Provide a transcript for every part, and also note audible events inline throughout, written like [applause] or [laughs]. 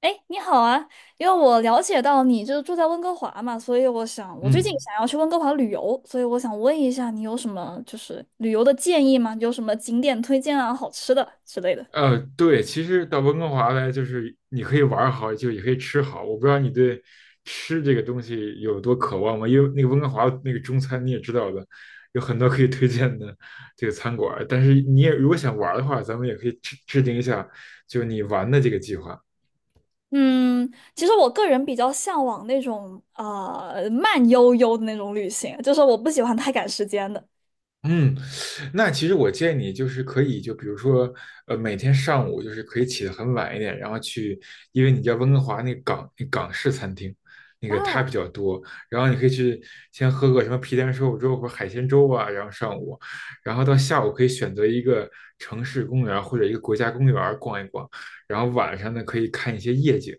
哎，你好啊，因为我了解到你就是住在温哥华嘛，所以我最近嗯，想要去温哥华旅游，所以我想问一下你有什么旅游的建议吗？有什么景点推荐啊、好吃的之类的？对，其实到温哥华来，就是你可以玩儿好，就也可以吃好。我不知道你对吃这个东西有多渴望吗？因为那个温哥华那个中餐你也知道的，有很多可以推荐的这个餐馆儿，但是你也如果想玩儿的话，咱们也可以制定一下，就你玩的这个计划。嗯，其实我个人比较向往那种啊慢悠悠的那种旅行，就是我不喜欢太赶时间的。嗯，那其实我建议你就是可以，就比如说，每天上午就是可以起得很晚一点，然后去，因为你知道温哥华那港式餐厅，那个它哇，比较多，然后你可以去先喝个什么皮蛋瘦肉粥或者海鲜粥啊，然后上午，然后到下午可以选择一个城市公园或者一个国家公园逛一逛，然后晚上呢可以看一些夜景。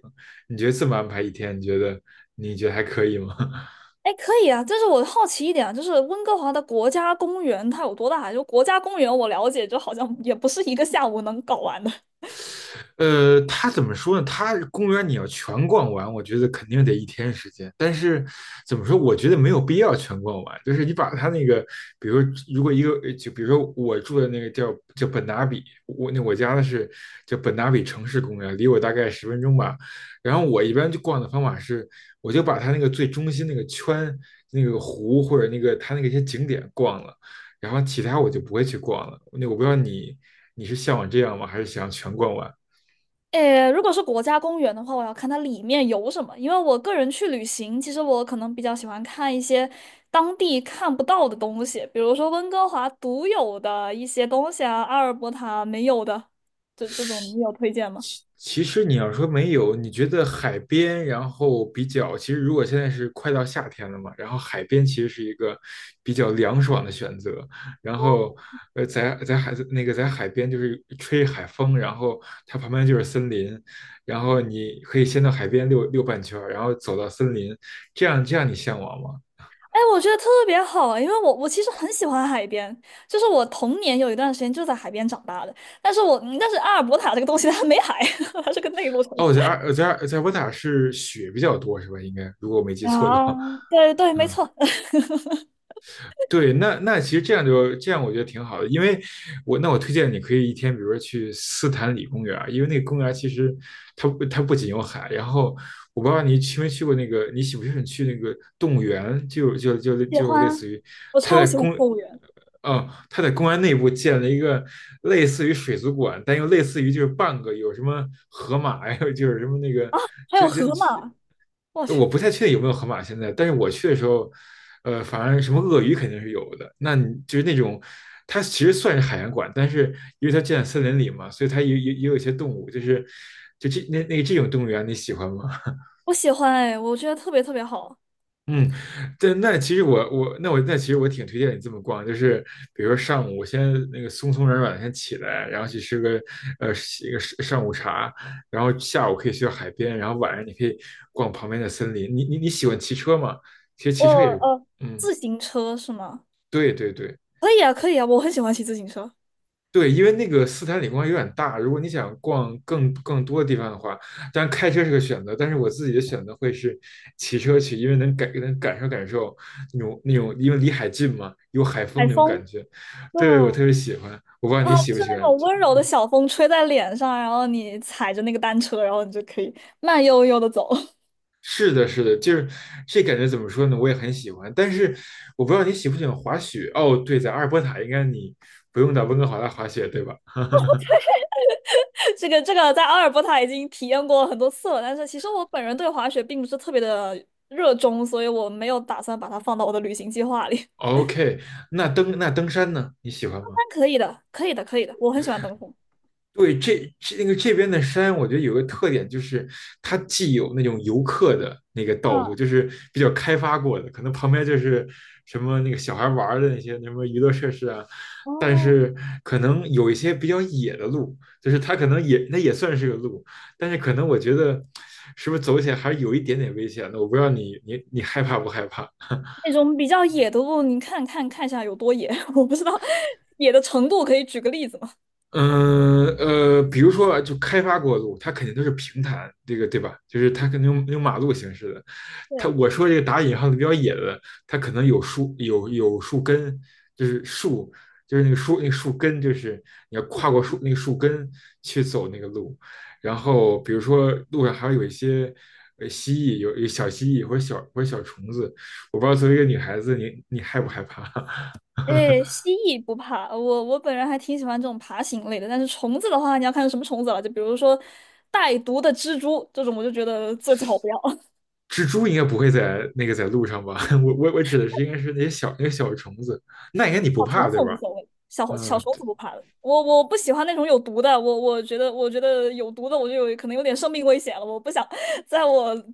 你觉得这么安排一天，你觉得还可以吗？[laughs] 哎，可以啊，但是我好奇一点啊，就是温哥华的国家公园它有多大？就国家公园我了解，就好像也不是一个下午能搞完的。它怎么说呢？它公园你要全逛完，我觉得肯定得一天时间。但是怎么说？我觉得没有必要全逛完。就是你把它那个，比如如果一个就比如说我住的那个叫本达比，我家的是叫本达比城市公园，离我大概10分钟吧。然后我一般就逛的方法是，我就把它那个最中心那个圈、那个湖或者那个它那个一些景点逛了，然后其他我就不会去逛了。那我不知道你是向往这样吗？还是想全逛完？诶，如果是国家公园的话，我要看它里面有什么，因为我个人去旅行，其实我可能比较喜欢看一些当地看不到的东西，比如说温哥华独有的一些东西啊，阿尔伯塔没有的，这种你有推荐吗？其实你要说没有，你觉得海边，然后比较，其实如果现在是快到夏天了嘛，然后海边其实是一个比较凉爽的选择。然后，在海边就是吹海风，然后它旁边就是森林，然后你可以先到海边溜溜半圈儿，然后走到森林，这样你向往吗？哎，我觉得特别好，因为我其实很喜欢海边，就是我童年有一段时间就在海边长大的，但是阿尔伯塔这个东西它没海，[laughs] 它是个内陆城市。哦，在渥塔是雪比较多是吧？应该如果我没记错的啊，话，对对，[laughs] 没嗯。错，[laughs] 对，那其实这样就这样，我觉得挺好的，因为我推荐你可以一天，比如说去斯坦里公园儿，因为那个公园儿其实它不仅有海，然后我不知道你去没去过那个，你喜不喜欢去那个动物园，就就就喜就类似欢，于我它超在喜欢公动物园。哦，它在公园内部建了一个类似于水族馆，但又类似于就是半个，有什么河马呀，有就是什么那个啊，还就有就河马，我去，我不太确定有没有河马现在，但是我去的时候，反正什么鳄鱼肯定是有的。那你就是那种，它其实算是海洋馆，但是因为它建在森林里嘛，所以它也有一些动物，就是就这那那这种动物园，你喜欢吗？我喜欢哎，我觉得特别特别好。嗯，对，那其实我我那我那其实我挺推荐你这么逛，就是比如说上午我先那个松松软软地先起来，然后去吃个呃一个上午茶，然后下午可以去到海边，然后晚上你可以逛旁边的森林。你喜欢骑车吗？其实我骑车也是，呃，嗯，自行车是吗？对对对。可以啊，可以啊，我很喜欢骑自行车。对，因为那个斯坦李光有点大，如果你想逛更多的地方的话，当然开车是个选择，但是我自己的选择会是骑车去，因为能感受感受那种，因为离海近嘛，有海风海那种感风，觉，对对，我吧？特别喜欢。我不知道啊，你喜就不是喜那欢种温柔的小风吹在脸上，然后你踩着那个单车，然后你就可以慢悠悠的走。是的，是的，就是这感觉怎么说呢？我也很喜欢，但是我不知道你喜不喜欢滑雪。哦，对，在阿尔伯塔应该你不用到温哥华来滑雪，对吧？ [laughs] [laughs] 这个在阿尔伯塔已经体验过很多次了，但是其实我本人对滑雪并不是特别的热衷，所以我没有打算把它放到我的旅行计划里。？OK,那登山呢？你喜欢但吗？可以的，可以的，可以的，我很喜欢登峰。对，这这那个这边的山，我觉得有个特点就是，它既有那种游客的那个道路，嗯，就是比较开发过的，可能旁边就是什么那个小孩玩儿的那些什么娱乐设施啊，但哦，是可能有一些比较野的路，就是它可能也算是个路，但是可能我觉得是不是走起来还是有一点点危险的，我不知道你害怕不害怕？那种比较野的路，看看一下有多野，[laughs] 我不知道野的程度，可以举个例子吗？嗯,比如说啊就开发过的路，它肯定都是平坦，这个对吧？就是它可能用马路形式的。它对，我说这个打引号的比较野的，它可能有树根，就是树，就是那个树那个树根，就是你要跨过树那个树根去走那个路。然后比如说路上还有一些蜥蜴，有小蜥蜴或者小虫子，我不知道作为一个女孩子，你害不害怕？[laughs] 诶，蜥蜴不怕，我本人还挺喜欢这种爬行类的，但是虫子的话，你要看是什么虫子了，就比如说带毒的蜘蛛这种，我就觉得最最好不要。[laughs] 蜘蛛应该不会在那个在路上吧？[laughs] 我指的是应该是那些小虫子，那应该你不小虫怕对子无吧？所谓，小小嗯，虫子不怕的，我不喜欢那种有毒的，我觉得有毒的我就有可能有点生命危险了，我不想在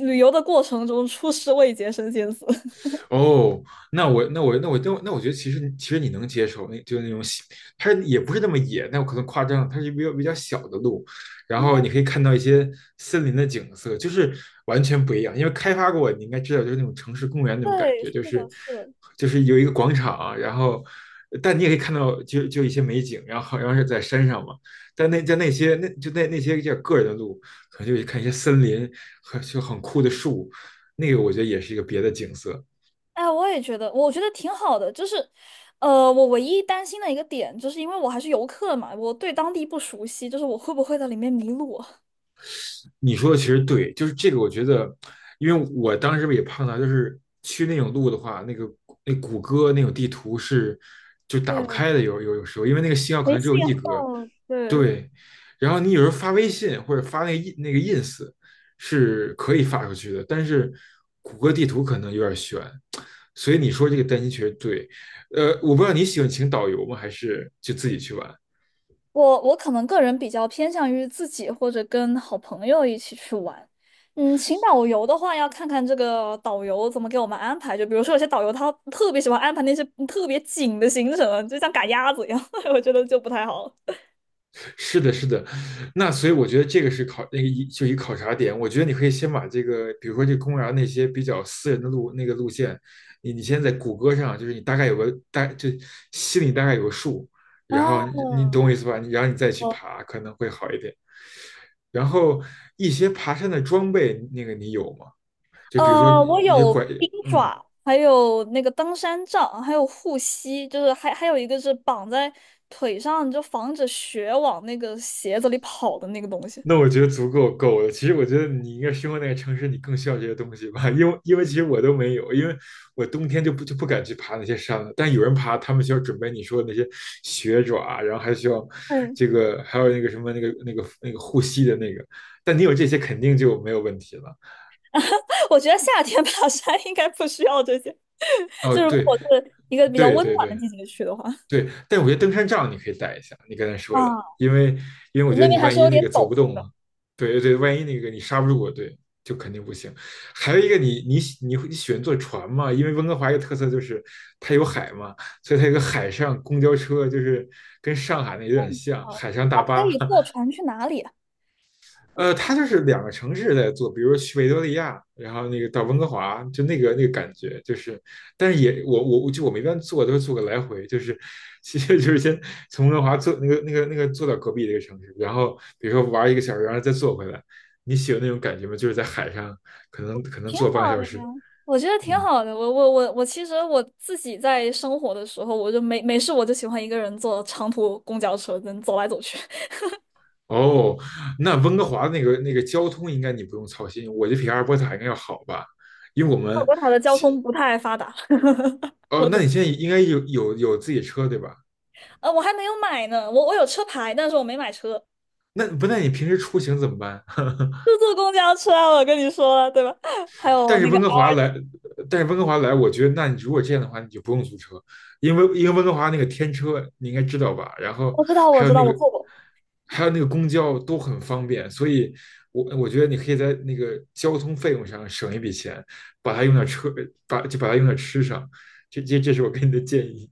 旅游的过程中出师未捷身先死。[laughs] 哦，那我觉得其实你能接受，那就是那种小，它也不是那么野，那我可能夸张，它是比较小的路，然后你啊，可以看到一些森林的景色，就是完全不一样。因为开发过，你应该知道，就是那种城市公园那种感对，觉，是就是的，是的。就是有一个广场，然后但你也可以看到一些美景，然后好像是在山上嘛，但那在那些那就那那些叫个人的路，可能就看一些森林和就很酷的树，那个我觉得也是一个别的景色。哎，我也觉得，我觉得挺好的。就是，我唯一担心的一个点，就是因为我还是游客嘛，我对当地不熟悉，就是我会不会在里面迷路？你说的其实对，就是这个，我觉得，因为我当时也碰到，就是去那种路的话，那个那谷歌那种地图是就 [laughs] 打不对，开的，有时候，因为那个信号可没能只信有1格，号，对，对。然后你有时候发微信或者发那个 ins 是可以发出去的，但是谷歌地图可能有点悬，所以你说这个担心确实对。我不知道你喜欢请导游吗，还是就自己去玩？我我可能个人比较偏向于自己或者跟好朋友一起去玩。嗯，请导游的话，要看看这个导游怎么给我们安排。就比如说，有些导游他特别喜欢安排那些特别紧的行程，就像赶鸭子一样，[laughs] 我觉得就不太好。是的，是的，那所以我觉得这个是考那个一就一考察点。我觉得你可以先把这个，比如说这公园那些比较私人的路那个路线，你先在谷歌上，就是你大概有个大就心里大概有个数，啊，然后你懂我意思吧？然后你再去爬可能会好一点。然后一些爬山的装备，那个你有吗？就比如说我一些有拐，冰嗯，爪，还有那个登山杖，还有护膝，就是还有一个是绑在腿上，就防止雪往那个鞋子里跑的那个东西。那我觉得足够了。其实我觉得你应该生活那个城市，你更需要这些东西吧，因为其实我都没有，因为我冬天就不敢去爬那些山了。但有人爬，他们需要准备你说的那些雪爪啊，然后还需要嗯，这个，还有那个什么那个护膝的那个。但你有这些肯定就没有问题了。[laughs] 我觉得夏天爬山应该不需要这些，[laughs] 哦，就如对果我是一个比较对温对暖的对，季节去的话，对，但我觉得登山杖你可以带一下，你刚才说的，啊，因为我觉得那你边还万是一有那点个走不陡动的。了，对对，万一那个你刹不住我，对，就肯定不行。还有一个你，你喜你会你喜欢坐船吗？因为温哥华一个特色就是它有海嘛，所以它有个海上公交车，就是跟上海那有点嗯，像，啊海上那大可巴，以坐 [laughs] 船去哪里？它就是两个城市在做，比如说去维多利亚，然后那个到温哥华，就那个感觉，就是，但是也我们一般坐都是坐个来回，就是其实就是先从温哥华坐那个坐到隔壁的一个城市，然后比如说玩一个小时，然后再坐回来。你喜欢那种感觉吗？就是在海上，可能挺坐半个好小的时。呀，我觉得挺嗯，好的。我我我我，其实我自己在生活的时候，我就没没事，我就喜欢一个人坐长途公交车，能走来走去。哦，那温哥华那个交通应该你不用操心，我觉得比阿尔伯塔应该要好吧，因为我 [laughs] 我们国塔的交其通不太发达，[laughs] 哦，我那真你现在应该有自己车对吧？呃，我还没有买呢。我有车牌，但是我没买车，那不，那你平时出行怎么办？就 [laughs] 坐公交车啊。我跟你说了，对吧？[laughs] 还但有是那个，温哥华来，但是温哥华来，我觉得，那你如果这样的话，你就不用租车，因为温哥华那个天车你应该知道吧？然后我知道，还我有知道，那我个坐过。还有那个公交都很方便，所以我觉得你可以在那个交通费用上省一笔钱，把它用到车，把就把它用到吃上。这是我给你的建议。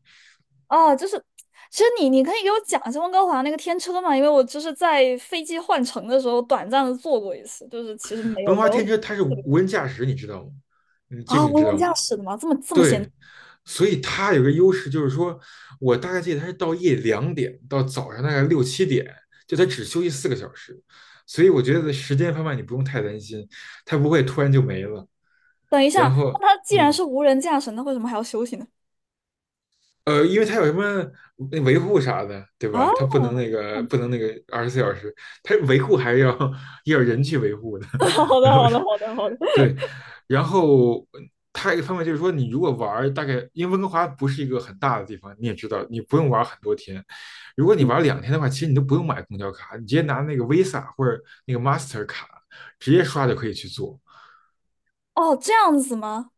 哦，就是，其实你你可以给我讲一下温哥华那个天车嘛，因为我就是在飞机换乘的时候短暂的坐过一次，就是其实没温有哥华没有。天车它是特别。无人驾驶，你知道吗？嗯，这个啊，你无知人道吗？驾驶的吗？这么这么闲？对，所以它有个优势，就是说我大概记得它是到夜里2点到早上大概六七点，就它只休息4个小时，所以我觉得时间方面你不用太担心，它不会突然就没了。等一下，然那后，它既然嗯，是无人驾驶，那为什么还要休息呢？因为它有什么那维护啥的，对啊，吧？它[laughs] 不能那个24小时，它维护还是要 [laughs] 要人去维护的。好 [laughs] 然的，后。好的，好的，好的。对，然后还有一个方面就是说，你如果玩儿大概，因为温哥华不是一个很大的地方，你也知道，你不用玩儿很多天。如果你玩儿2天的话，其实你都不用买公交卡，你直接拿那个 Visa 或者那个 Master 卡直接刷就可以去做。哦，这样子吗？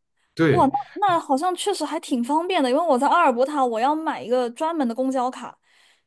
哇，对，那那好像确实还挺方便的，因为我在阿尔伯塔，我要买一个专门的公交卡，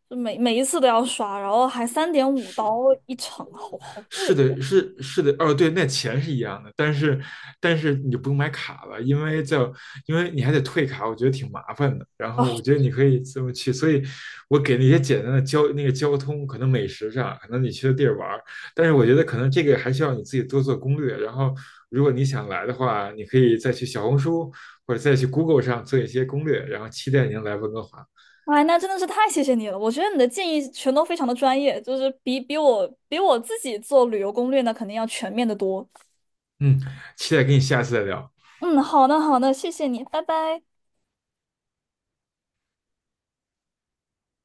每一次都要刷，然后还三点五是。刀一程，好好是贵的的，是的,哦，对，那钱是一样的，但是你不用买卡了，因为你还得退卡，我觉得挺麻烦的。然后啊！我觉得你可以这么去，所以我给那些简单的交那个交通，可能美食上，可能你去的地儿玩儿，但是我觉得可能这个还需要你自己多做攻略。然后如果你想来的话，你可以再去小红书或者再去 Google 上做一些攻略，然后期待您来温哥华。哎，那真的是太谢谢你了，我觉得你的建议全都非常的专业，就是比我自己做旅游攻略呢，肯定要全面的多。嗯，期待跟你下次再聊。嗯，好的，好的，谢谢你，拜拜。